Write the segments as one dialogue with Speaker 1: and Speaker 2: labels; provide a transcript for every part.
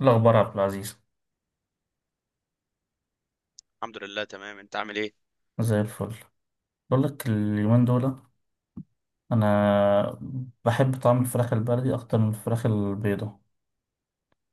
Speaker 1: الأخبار يا عبد العزيز.
Speaker 2: الحمد لله، تمام. انت عامل ايه؟
Speaker 1: زي الفل. بقول لك اليومين دول، أنا بحب طعم الفراخ البلدي أكتر من الفراخ البيضة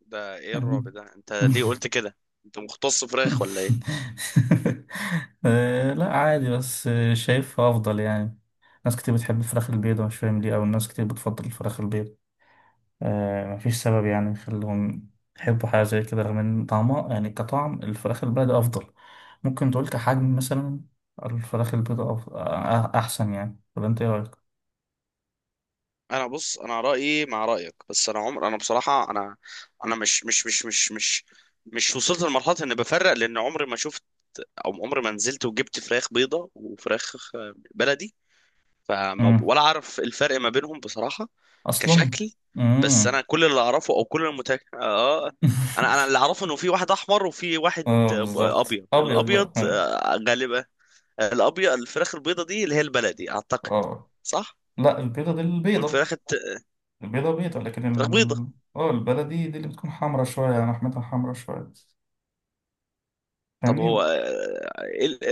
Speaker 2: ده ايه
Speaker 1: يعني.
Speaker 2: الرعب ده؟ انت ليه قلت كده؟ انت مختص فراخ ولا ايه؟
Speaker 1: آه، لا عادي بس شايفها أفضل يعني. ناس كتير بتحب الفراخ البيضة مش فاهم ليه، أو الناس كتير بتفضل الفراخ البيضة. مفيش سبب يعني يخليهم يحبوا حاجة زي كده رغم إن طعمها يعني كطعم الفراخ البلدي أفضل. ممكن تقول كحجم مثلا الفراخ البيضاء أحسن يعني، ولا أنت إيه رأيك؟
Speaker 2: انا بص، انا رايي مع رايك، بس انا عمر انا بصراحه انا... انا مش وصلت لمرحله اني بفرق، لان عمري ما شفت او عمري ما نزلت وجبت فراخ بيضه وفراخ بلدي، فما
Speaker 1: مم.
Speaker 2: ولا عارف الفرق ما بينهم بصراحه
Speaker 1: اصلا.
Speaker 2: كشكل. بس
Speaker 1: مم.
Speaker 2: انا كل اللي اعرفه او كل المتك... اه انا اللي اعرفه انه في واحد احمر وفي واحد
Speaker 1: اه بالظبط
Speaker 2: ابيض.
Speaker 1: ابيض
Speaker 2: الابيض
Speaker 1: بقى ها.
Speaker 2: غالبا الابيض، الفراخ البيضه دي اللي هي البلدي اعتقد،
Speaker 1: اه
Speaker 2: صح؟
Speaker 1: لا، البيضه دي البيضه.
Speaker 2: والفراخ الت...
Speaker 1: البيضه بيضه لكن
Speaker 2: فراخ بيضه.
Speaker 1: اه البلدي دي اللي بتكون حمرا شويه، يعني لحمتها حمرا شويه،
Speaker 2: طب هو
Speaker 1: فاهمني.
Speaker 2: ايه ال-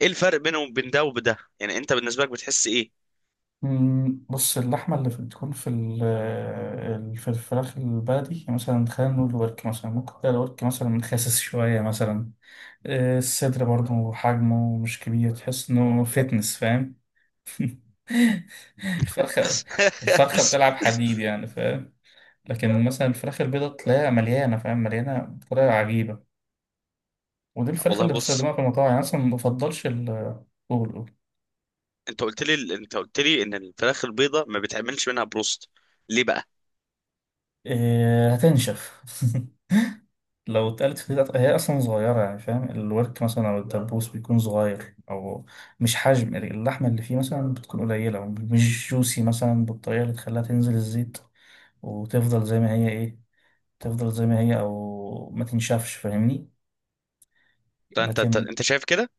Speaker 2: ايه الفرق بينهم وبين ده وبده؟ يعني انت بالنسبه لك بتحس ايه؟
Speaker 1: بص اللحمه اللي بتكون في في الفراخ البلدي، يعني مثلا خلينا نقول الورك مثلا ممكن تلاقي الورك مثلا خاسس شويه مثلا. الصدر برضه حجمه مش كبير، تحس انه فتنس فاهم. الفرخة، الفرخة بتلعب حديد يعني فاهم. لكن مثلا الفراخ البيضة تلاقيها مليانة فاهم، مليانة بطريقة عجيبة، ودي الفراخ
Speaker 2: والله
Speaker 1: اللي
Speaker 2: بص،
Speaker 1: بستخدمها في المطاعم، يعني أصلا ما بفضلش ال... قول قول.
Speaker 2: انت قلت لي، انت قلت لي ان الفراخ البيضه ما بيتعملش منها بروست، ليه بقى؟
Speaker 1: إيه، هتنشف. لو اتقلت في هي أصلا صغيرة يعني فاهم، الورك مثلا أو الدبوس بيكون صغير، أو مش حجم اللحمة اللي فيه مثلا بتكون قليلة ومش جوسي مثلا بالطريقة اللي تخليها تنزل الزيت وتفضل زي ما هي إيه، تفضل زي ما هي او ما تنشفش فاهمني.
Speaker 2: ده انت
Speaker 1: لكن
Speaker 2: انت شايف كده؟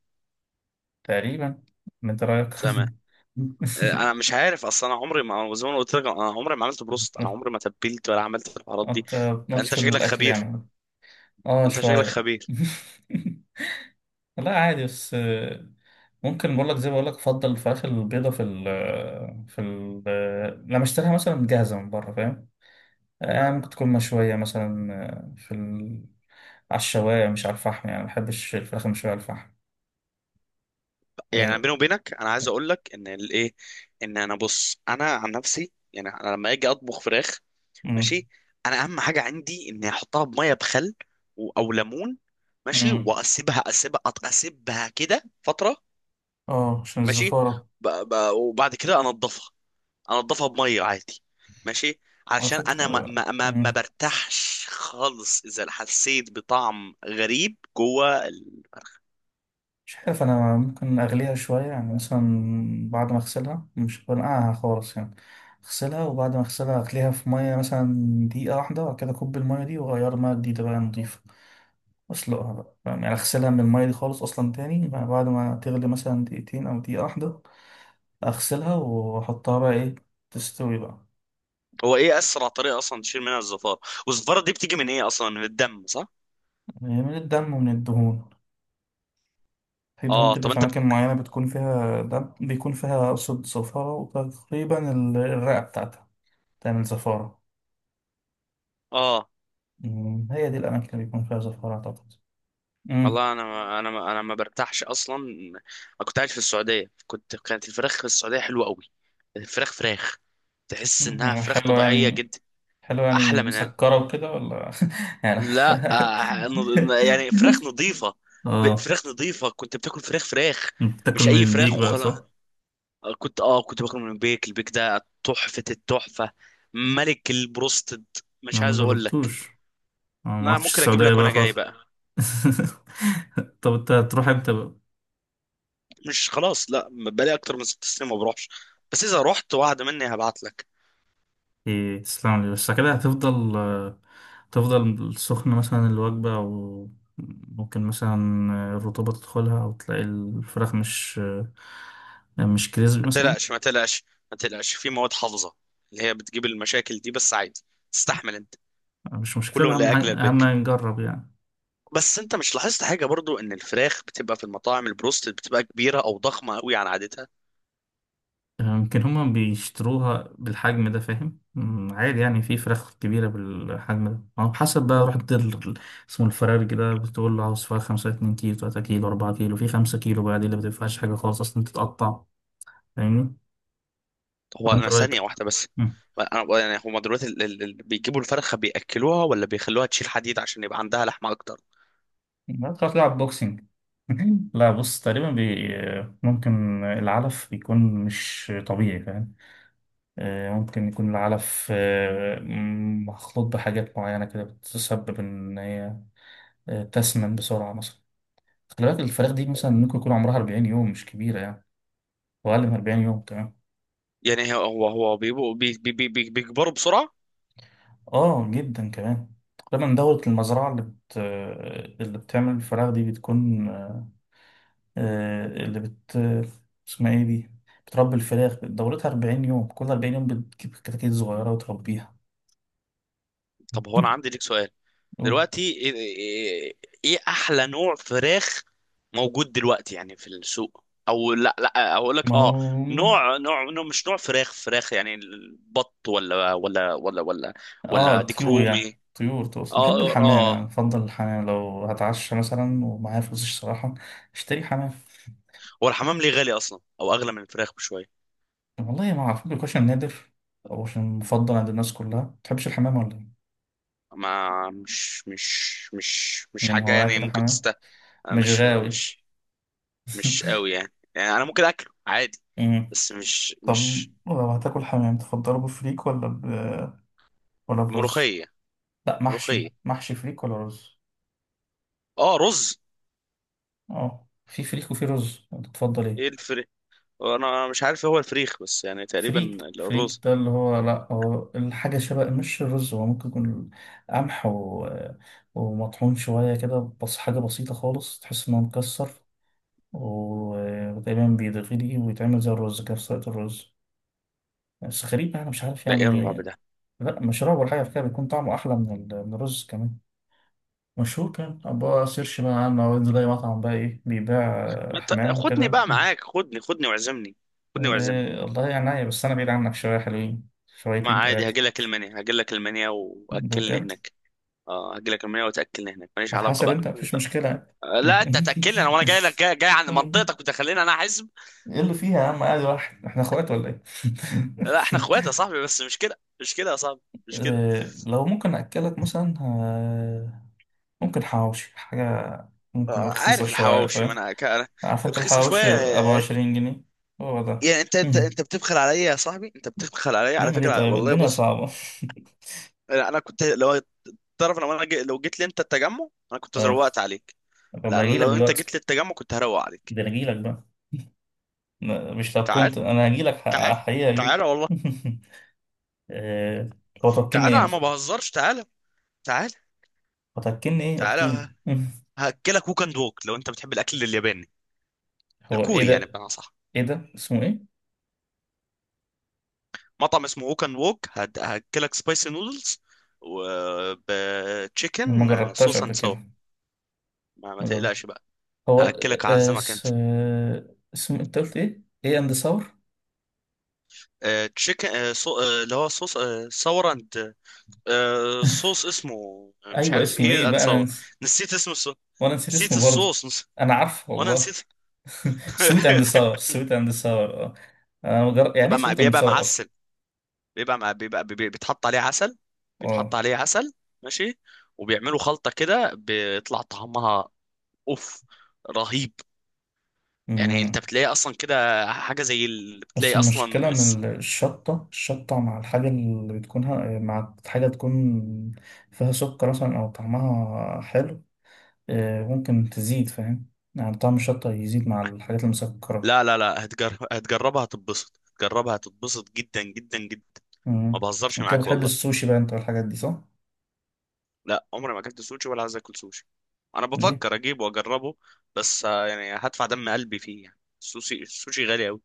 Speaker 1: تقريبا، من رايك.
Speaker 2: تمام. انا مش عارف اصلا، انا عمري ما، زي ما أنا قلت لك، انا عمري ما عملت بروست، انا عمري ما تبلت ولا عملت الحوارات دي.
Speaker 1: انت مالكش
Speaker 2: انت
Speaker 1: في
Speaker 2: شكلك
Speaker 1: الاكل
Speaker 2: خبير.
Speaker 1: يعني. اه
Speaker 2: انت شكلك
Speaker 1: شويه.
Speaker 2: خبير.
Speaker 1: لا عادي بس ممكن بقول لك، زي ما بقول لك افضل الفراخ البيضه في ال لما اشتريها مثلا جاهزه من بره فاهم. آه ممكن تكون مشويه مثلا، على الشوايه مش على الفحم، يعني ما بحبش الفراخ المشويه على الفحم.
Speaker 2: يعني
Speaker 1: آه،
Speaker 2: بيني وبينك، انا عايز اقول لك ان الايه، ان انا بص انا عن نفسي، يعني انا لما اجي اطبخ فراخ،
Speaker 1: مم.
Speaker 2: ماشي، انا اهم حاجه عندي اني احطها بميه بخل و- او ليمون، ماشي،
Speaker 1: مم.
Speaker 2: واسيبها، اسيبها، أط- اسيبها كده فتره،
Speaker 1: اه عشان
Speaker 2: ماشي.
Speaker 1: الزفارة.
Speaker 2: ب... ب... وبعد كده انضفها، انضفها بميه عادي، ماشي،
Speaker 1: على
Speaker 2: علشان انا ما
Speaker 1: فكرة.
Speaker 2: ما ما, ما
Speaker 1: مم،
Speaker 2: برتاحش خالص اذا حسيت بطعم غريب جوه.
Speaker 1: مش عارف أنا، ممكن أغليها شوية يعني مثلا بعد ما أغسلها، مش بنقعها خالص يعني. أغسلها وبعد ما أغسلها أغليها في مية مثلا دقيقة واحدة، وبعد كده أكب المية دي وأغير مية جديدة بقى نضيفة، وأسلقها بقى فاهم؟ يعني أغسلها من المية دي خالص أصلا تاني بقى بعد ما تغلي مثلا دقيقتين أو دقيقة واحدة، أغسلها وأحطها بقى إيه، تستوي بقى.
Speaker 2: هو ايه اسرع طريقه اصلا تشيل منها الزفاره؟ والزفاره دي بتيجي من ايه اصلا؟ من الدم، صح؟
Speaker 1: يعني من الدم ومن الدهون، في دهون
Speaker 2: اه،
Speaker 1: كده
Speaker 2: طب
Speaker 1: في
Speaker 2: انت بت...
Speaker 1: أماكن معينة بتكون فيها دم، بيكون فيها أقصد صفارة، وتقريبا الرئة بتاعتها تعمل زفارة.
Speaker 2: اه،
Speaker 1: هي دي الأماكن اللي بيكون فيها زفارة أعتقد. امم.
Speaker 2: والله انا ما برتاحش اصلا. انا كنت قاعد في السعوديه، كنت، كانت الفراخ في السعوديه حلوه قوي، الفراخ فراخ، تحس انها
Speaker 1: أمم،
Speaker 2: فراخ
Speaker 1: حلو
Speaker 2: طبيعيه
Speaker 1: يعني.
Speaker 2: جدا،
Speaker 1: حلو
Speaker 2: احلى
Speaker 1: يعني
Speaker 2: من هنا.
Speaker 1: مسكرة وكده ولا يعني.
Speaker 2: لا نض... يعني فراخ نظيفه، ب...
Speaker 1: اه.
Speaker 2: فراخ نظيفه، كنت بتاكل فراخ فراخ،
Speaker 1: أنت بتاكل
Speaker 2: مش
Speaker 1: من
Speaker 2: اي فراخ
Speaker 1: البيك بقى صح؟
Speaker 2: وخلاص. كنت اه كنت باكل من البيك، البيك ده تحفه التحفه، ملك البروستد، مش
Speaker 1: انا ما
Speaker 2: عايز اقول لك.
Speaker 1: جربتوش، انا ما
Speaker 2: ما
Speaker 1: رحتش
Speaker 2: ممكن اجيب
Speaker 1: السعودية
Speaker 2: لك
Speaker 1: بقى
Speaker 2: وانا جاي
Speaker 1: خلاص.
Speaker 2: بقى.
Speaker 1: طب انت هتروح امتى بقى؟
Speaker 2: مش خلاص، لا بقالي اكتر من 6 سنين ما بروحش، بس اذا رحت وعد مني هبعت لك.
Speaker 1: ايه، تسلم لي بس كده هتفضل تفضل سخنة مثلا الوجبة، وممكن مثلا الرطوبة تدخلها، أو تلاقي الفراخ مش كريسبي
Speaker 2: ما
Speaker 1: مثلا.
Speaker 2: تقلقش، ما تقلقش، ما تقلقش في مواد حافظه اللي هي بتجيب المشاكل دي، بس عادي، تستحمل انت،
Speaker 1: مش
Speaker 2: كله
Speaker 1: مشكلة، أهم حاجة
Speaker 2: لاجل
Speaker 1: أهم
Speaker 2: البك.
Speaker 1: حاجة نجرب يعني.
Speaker 2: بس انت مش لاحظت حاجه برضو ان الفراخ بتبقى في المطاعم البروست بتبقى كبيره او ضخمه قوي عن عادتها؟
Speaker 1: يمكن هما بيشتروها بالحجم ده فاهم. أمم، عادي يعني في فراخ كبيرة بالحجم ده، أو حسب بقى رحت اسمه الفرارج ده، بتقول له عاوز فراخ خمسة 2 كيلو، 3 كيلو، 4 كيلو، في 5 كيلو بقى دي اللي ما بتنفعش حاجة خالص أصلا، تتقطع فاهمني؟
Speaker 2: هو
Speaker 1: فأنت
Speaker 2: انا
Speaker 1: رأيك؟
Speaker 2: ثانيه واحده بس. انا يعني هما دلوقتي بيجيبوا الفرخه بياكلوها ولا بيخلوها تشيل حديد عشان يبقى عندها لحمه اكتر؟
Speaker 1: هتروح تلعب بوكسينج. لا بص تقريبا ممكن العلف بيكون مش طبيعي فاهم. ممكن يكون العلف، مخلوط بحاجات معينة كده بتسبب إن هي تسمن بسرعة مثلا. خلي بالك الفراخ دي مثلا ممكن يكون عمرها 40 يوم، مش كبيرة يعني، وأقل من 40 يوم كمان.
Speaker 2: يعني هو بيبقوا بيكبروا بسرعه.
Speaker 1: آه جدا كمان. تقريبا دورة المزرعة اللي بت... آه، اللي بتعمل الفراخ دي بتكون آه، آه، اللي بت اسمها ايه دي، بتربي الفراخ دورتها 40 يوم، كل 40 يوم بتجيب كتاكيت صغيرة وتربيها.
Speaker 2: طب هو انا عندي ليك سؤال،
Speaker 1: أوه.
Speaker 2: دلوقتي ايه، إيه- إيه احلى نوع فراخ موجود دلوقتي يعني في السوق او، لا لا اقول لك
Speaker 1: ما
Speaker 2: اه
Speaker 1: هو.
Speaker 2: مش نوع فراخ، فراخ يعني، البط ولا ولا ولا ولا
Speaker 1: اه
Speaker 2: ولا ديك
Speaker 1: طيور، يعني
Speaker 2: رومي؟
Speaker 1: طيور تقصد. بحب
Speaker 2: اه
Speaker 1: الحمام يعني،
Speaker 2: اه.
Speaker 1: بفضل الحمام لو هتعشى مثلا ومعايا فلوس الصراحة، اشتري حمام.
Speaker 2: هو الحمام ليه غالي اصلا او اغلى من الفراخ بشويه؟
Speaker 1: والله ما اعرف، بيكون عشان نادر، او عشان مفضل عند الناس، كلها ما تحبش الحمام ولا ايه.
Speaker 2: ما مش
Speaker 1: من
Speaker 2: حاجه
Speaker 1: هوايات
Speaker 2: يعني، ممكن
Speaker 1: الحمام،
Speaker 2: تست...
Speaker 1: مش
Speaker 2: مش
Speaker 1: غاوي.
Speaker 2: مش مش قوي يعني، يعني انا ممكن اكله عادي
Speaker 1: أمم.
Speaker 2: بس مش
Speaker 1: طب
Speaker 2: مش
Speaker 1: لو هتاكل حمام تفضله بفريك ولا ولا برز.
Speaker 2: ملوخيه.
Speaker 1: لا
Speaker 2: ملوخيه.
Speaker 1: محشي، محشي فريك ولا رز.
Speaker 2: اه، رز.
Speaker 1: اه في فريك وفي رز، انت تفضل
Speaker 2: ايه
Speaker 1: ايه؟
Speaker 2: الفريخ؟ انا مش عارف هو الفريخ، بس يعني تقريبا
Speaker 1: فريك، فريك
Speaker 2: الرز.
Speaker 1: ده اللي هو لا، هو الحاجة شبه مش الرز، هو ممكن يكون قمح و... ومطحون شوية كده بس، حاجة بسيطة خالص، تحس إنه مكسر، وتقريبا بيتغلي ويتعمل زي الرز كده، في سلطة الرز بس غريب يعني، مش عارف
Speaker 2: ده ايه
Speaker 1: يعني.
Speaker 2: الرعب ده؟
Speaker 1: لا مشروب ولا حاجة في كده بيكون طعمه أحلى من الرز كمان. مشهور، كان أبقى سيرش بقى عنه، أو أنزل أي مطعم بقى إيه بيبيع. آه،
Speaker 2: ما ت...
Speaker 1: حمام
Speaker 2: خدني
Speaker 1: كده.
Speaker 2: بقى معاك، خدني، خدني واعزمني، خدني واعزمني.
Speaker 1: إيه، والله يعني عيب، بس أنا بعيد عنك شوية، حلوين
Speaker 2: ما
Speaker 1: شويتين
Speaker 2: عادي
Speaker 1: تلاتة.
Speaker 2: هاجي لك المنيا، هاجي لك المنيا
Speaker 1: ده
Speaker 2: واكلني
Speaker 1: بجد.
Speaker 2: هناك. اه هاجي لك المنيا وتاكلني هناك، ماليش علاقه
Speaker 1: هتحاسب
Speaker 2: بقى
Speaker 1: أنت مفيش
Speaker 2: انت.
Speaker 1: مشكلة.
Speaker 2: لا انت تاكلني، انا وانا جاي لك، جاي عند منطقتك وتخليني انا احزب.
Speaker 1: إيه اللي فيها يا عم، قاعد واحد، إحنا إخوات ولا إيه؟
Speaker 2: لا احنا اخوات يا صاحبي، بس مش كده مش كده يا صاحبي، مش كده.
Speaker 1: إيه، لو ممكن أكلك مثلا ممكن حواوشي حاجة، ممكن رخيصة
Speaker 2: عارف
Speaker 1: شوية
Speaker 2: الحواوشي، ما
Speaker 1: فاهم.
Speaker 2: انا ك- أنا،
Speaker 1: عارف أنت
Speaker 2: رخيصه شويه
Speaker 1: الحواوشي أبو 20 جنيه، هو ده.
Speaker 2: يعني انت انت
Speaker 1: مم.
Speaker 2: انت بتبخل عليا يا صاحبي، انت بتبخل عليا على
Speaker 1: نعمل إيه
Speaker 2: فكره،
Speaker 1: طيب،
Speaker 2: والله
Speaker 1: الدنيا
Speaker 2: بص.
Speaker 1: صعبة.
Speaker 2: لا، انا كنت لو، تعرف لو انا جي... لو جيت لي انت التجمع انا كنت
Speaker 1: أه.
Speaker 2: زروقت عليك.
Speaker 1: طب
Speaker 2: لا
Speaker 1: أنا
Speaker 2: أنا
Speaker 1: أجيلك
Speaker 2: لو انت
Speaker 1: دلوقتي،
Speaker 2: جيت لي التجمع كنت هروق عليك.
Speaker 1: ده أنا أجيلك بقى. لا، مش لو،
Speaker 2: تعال،
Speaker 1: كنت انا هجي لك،
Speaker 2: تعال،
Speaker 1: حقيقة هجي.
Speaker 2: تعال والله.
Speaker 1: آه، هو تركني
Speaker 2: تعال
Speaker 1: ايه
Speaker 2: انا ما
Speaker 1: مثلا.
Speaker 2: بهزرش، تعال، تعال
Speaker 1: هو تركني ايه
Speaker 2: تعال
Speaker 1: احكي لي.
Speaker 2: ه- هاكلك ووك اند ووك لو انت بتحب الاكل الياباني،
Speaker 1: هو ايه
Speaker 2: الكوري يعني
Speaker 1: ده،
Speaker 2: بمعنى صح.
Speaker 1: ايه ده اسمه ايه؟
Speaker 2: مطعم اسمه ووك اند ووك، هد- هاكلك سبايسي نودلز
Speaker 1: ما
Speaker 2: وبتشيكن
Speaker 1: جربتهاش
Speaker 2: صوص
Speaker 1: قبل
Speaker 2: اند سو...
Speaker 1: كده،
Speaker 2: ما
Speaker 1: ما جربت.
Speaker 2: تقلقش بقى.
Speaker 1: هو
Speaker 2: هاكلك، اعزمك انت.
Speaker 1: اسمه انت قلت ايه، ايه اند ثور.
Speaker 2: تشيكن، اللي هو صوص، صور اند... آه صوص اسمه، مش
Speaker 1: ايوه
Speaker 2: عارف
Speaker 1: اسمه ايه
Speaker 2: ايه اند
Speaker 1: بقى، انا
Speaker 2: ساور. نسيت اسم الصوص.
Speaker 1: وانا نسيت
Speaker 2: نسيت
Speaker 1: اسمه برضه.
Speaker 2: الصوص، نس...
Speaker 1: انا عارفه
Speaker 2: وانا
Speaker 1: والله.
Speaker 2: نسيت.
Speaker 1: سويت اند ساور، سويت اند ساور اه. انا يعني
Speaker 2: تبقى
Speaker 1: ايه
Speaker 2: مع...
Speaker 1: سويت اند
Speaker 2: بيبقى
Speaker 1: ساور اصلا؟
Speaker 2: معسل، بيبقى مع... بيبقى بي... بيتحط عليه عسل، بيتحط
Speaker 1: اه.
Speaker 2: عليه عسل، ماشي، وبيعملوا خلطة كده بيطلع طعمها اوف، رهيب. يعني انت
Speaker 1: أمم.
Speaker 2: بتلاقي اصلا كده حاجة زي اللي
Speaker 1: بس
Speaker 2: بتلاقي اصلا
Speaker 1: المشكلة إن
Speaker 2: الس...
Speaker 1: الشطة، الشطة مع الحاجة اللي بتكون مع حاجة تكون فيها سكر مثلا أو طعمها حلو، ممكن تزيد فاهم. يعني طعم الشطة يزيد مع الحاجات المسكرة.
Speaker 2: لا هتجر... هتجربها هتتبسط، هتجربها هتتبسط جدا جدا جدا. ما
Speaker 1: مم.
Speaker 2: بهزرش
Speaker 1: أنت كده
Speaker 2: معاك
Speaker 1: بتحب
Speaker 2: والله.
Speaker 1: السوشي بقى أنت والحاجات دي صح؟
Speaker 2: لا عمري ما اكلت سوشي ولا عايز اكل سوشي، انا
Speaker 1: ليه؟
Speaker 2: بفكر اجيبه واجربه بس يعني هدفع دم قلبي فيه يعني. السوشي، السوشي غالي قوي.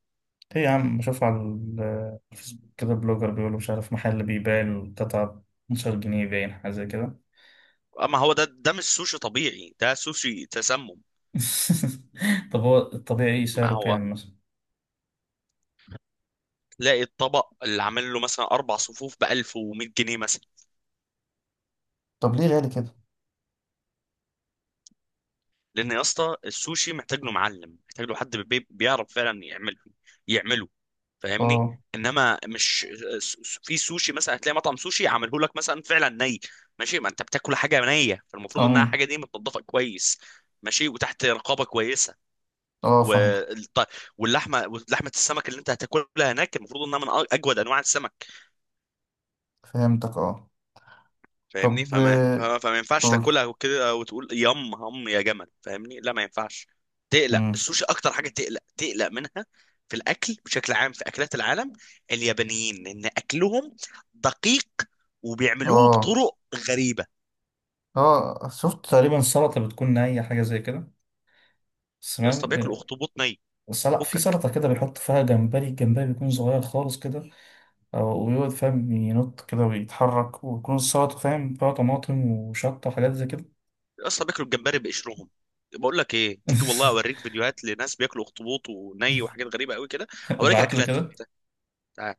Speaker 1: ليه يا عم، بشوف على الفيسبوك كده بلوجر بيقولوا مش عارف محل بيبيع القطعة 15 جنيه، باين حاجة زي كده.
Speaker 2: اما هو ده، ده مش سوشي طبيعي، ده سوشي تسمم.
Speaker 1: طب هو الطبيعي
Speaker 2: ما
Speaker 1: سعره
Speaker 2: هو
Speaker 1: كام مثلا؟
Speaker 2: تلاقي الطبق اللي عامل له مثلا اربع صفوف ب 1100 جنيه مثلا.
Speaker 1: طب ليه غالي كده؟
Speaker 2: لان يا اسطى السوشي محتاج له معلم، محتاج له حد بي- بيعرف فعلا يعمله، يعمله، فاهمني؟
Speaker 1: اه.
Speaker 2: انما مش س- في سوشي مثلا هتلاقي مطعم سوشي عامله لك مثلا فعلا ني، ماشي، ما انت بتاكل حاجه نيه، فالمفروض انها
Speaker 1: اه.
Speaker 2: حاجه دي متنضفه كويس، ماشي، وتحت رقابه كويسه،
Speaker 1: اه فاهم.
Speaker 2: والط... واللحمه، ولحمه السمك اللي انت هتاكلها هناك المفروض انها من أ- اجود انواع السمك.
Speaker 1: فهمتك اه.
Speaker 2: فاهمني؟
Speaker 1: طب
Speaker 2: فما فما فما ينفعش
Speaker 1: قول.
Speaker 2: تاكلها وكده وتقول يم هم يا جمل. فاهمني؟ لا ما ينفعش. تقلق
Speaker 1: مم.
Speaker 2: السوشي، اكتر حاجه تقلق منها في الاكل بشكل عام، في اكلات العالم، اليابانيين، لان اكلهم دقيق وبيعملوه
Speaker 1: اه.
Speaker 2: بطرق غريبه.
Speaker 1: اه شفت تقريبا سلطة بتكون نية، حاجة زي كده،
Speaker 2: يا اسطى
Speaker 1: سمعت.
Speaker 2: بياكلوا اخطبوط ني،
Speaker 1: سلطة، في
Speaker 2: فكك.
Speaker 1: سلطة كده بيحط فيها جمبري، الجمبري بيكون صغير خالص كده، أو ويقعد فاهم ينط كده ويتحرك، ويكون السلطة فاهم فيها طماطم وشطة وحاجات زي كده.
Speaker 2: يا اسطى بياكلوا الجمبري بقشرهم. بقول لك ايه، تيجي والله اوريك فيديوهات لناس بياكلوا اخطبوط وني وحاجات غريبه قوي كده، اوريك
Speaker 1: ابعت لي
Speaker 2: اكلاتهم.
Speaker 1: كده.
Speaker 2: تعال.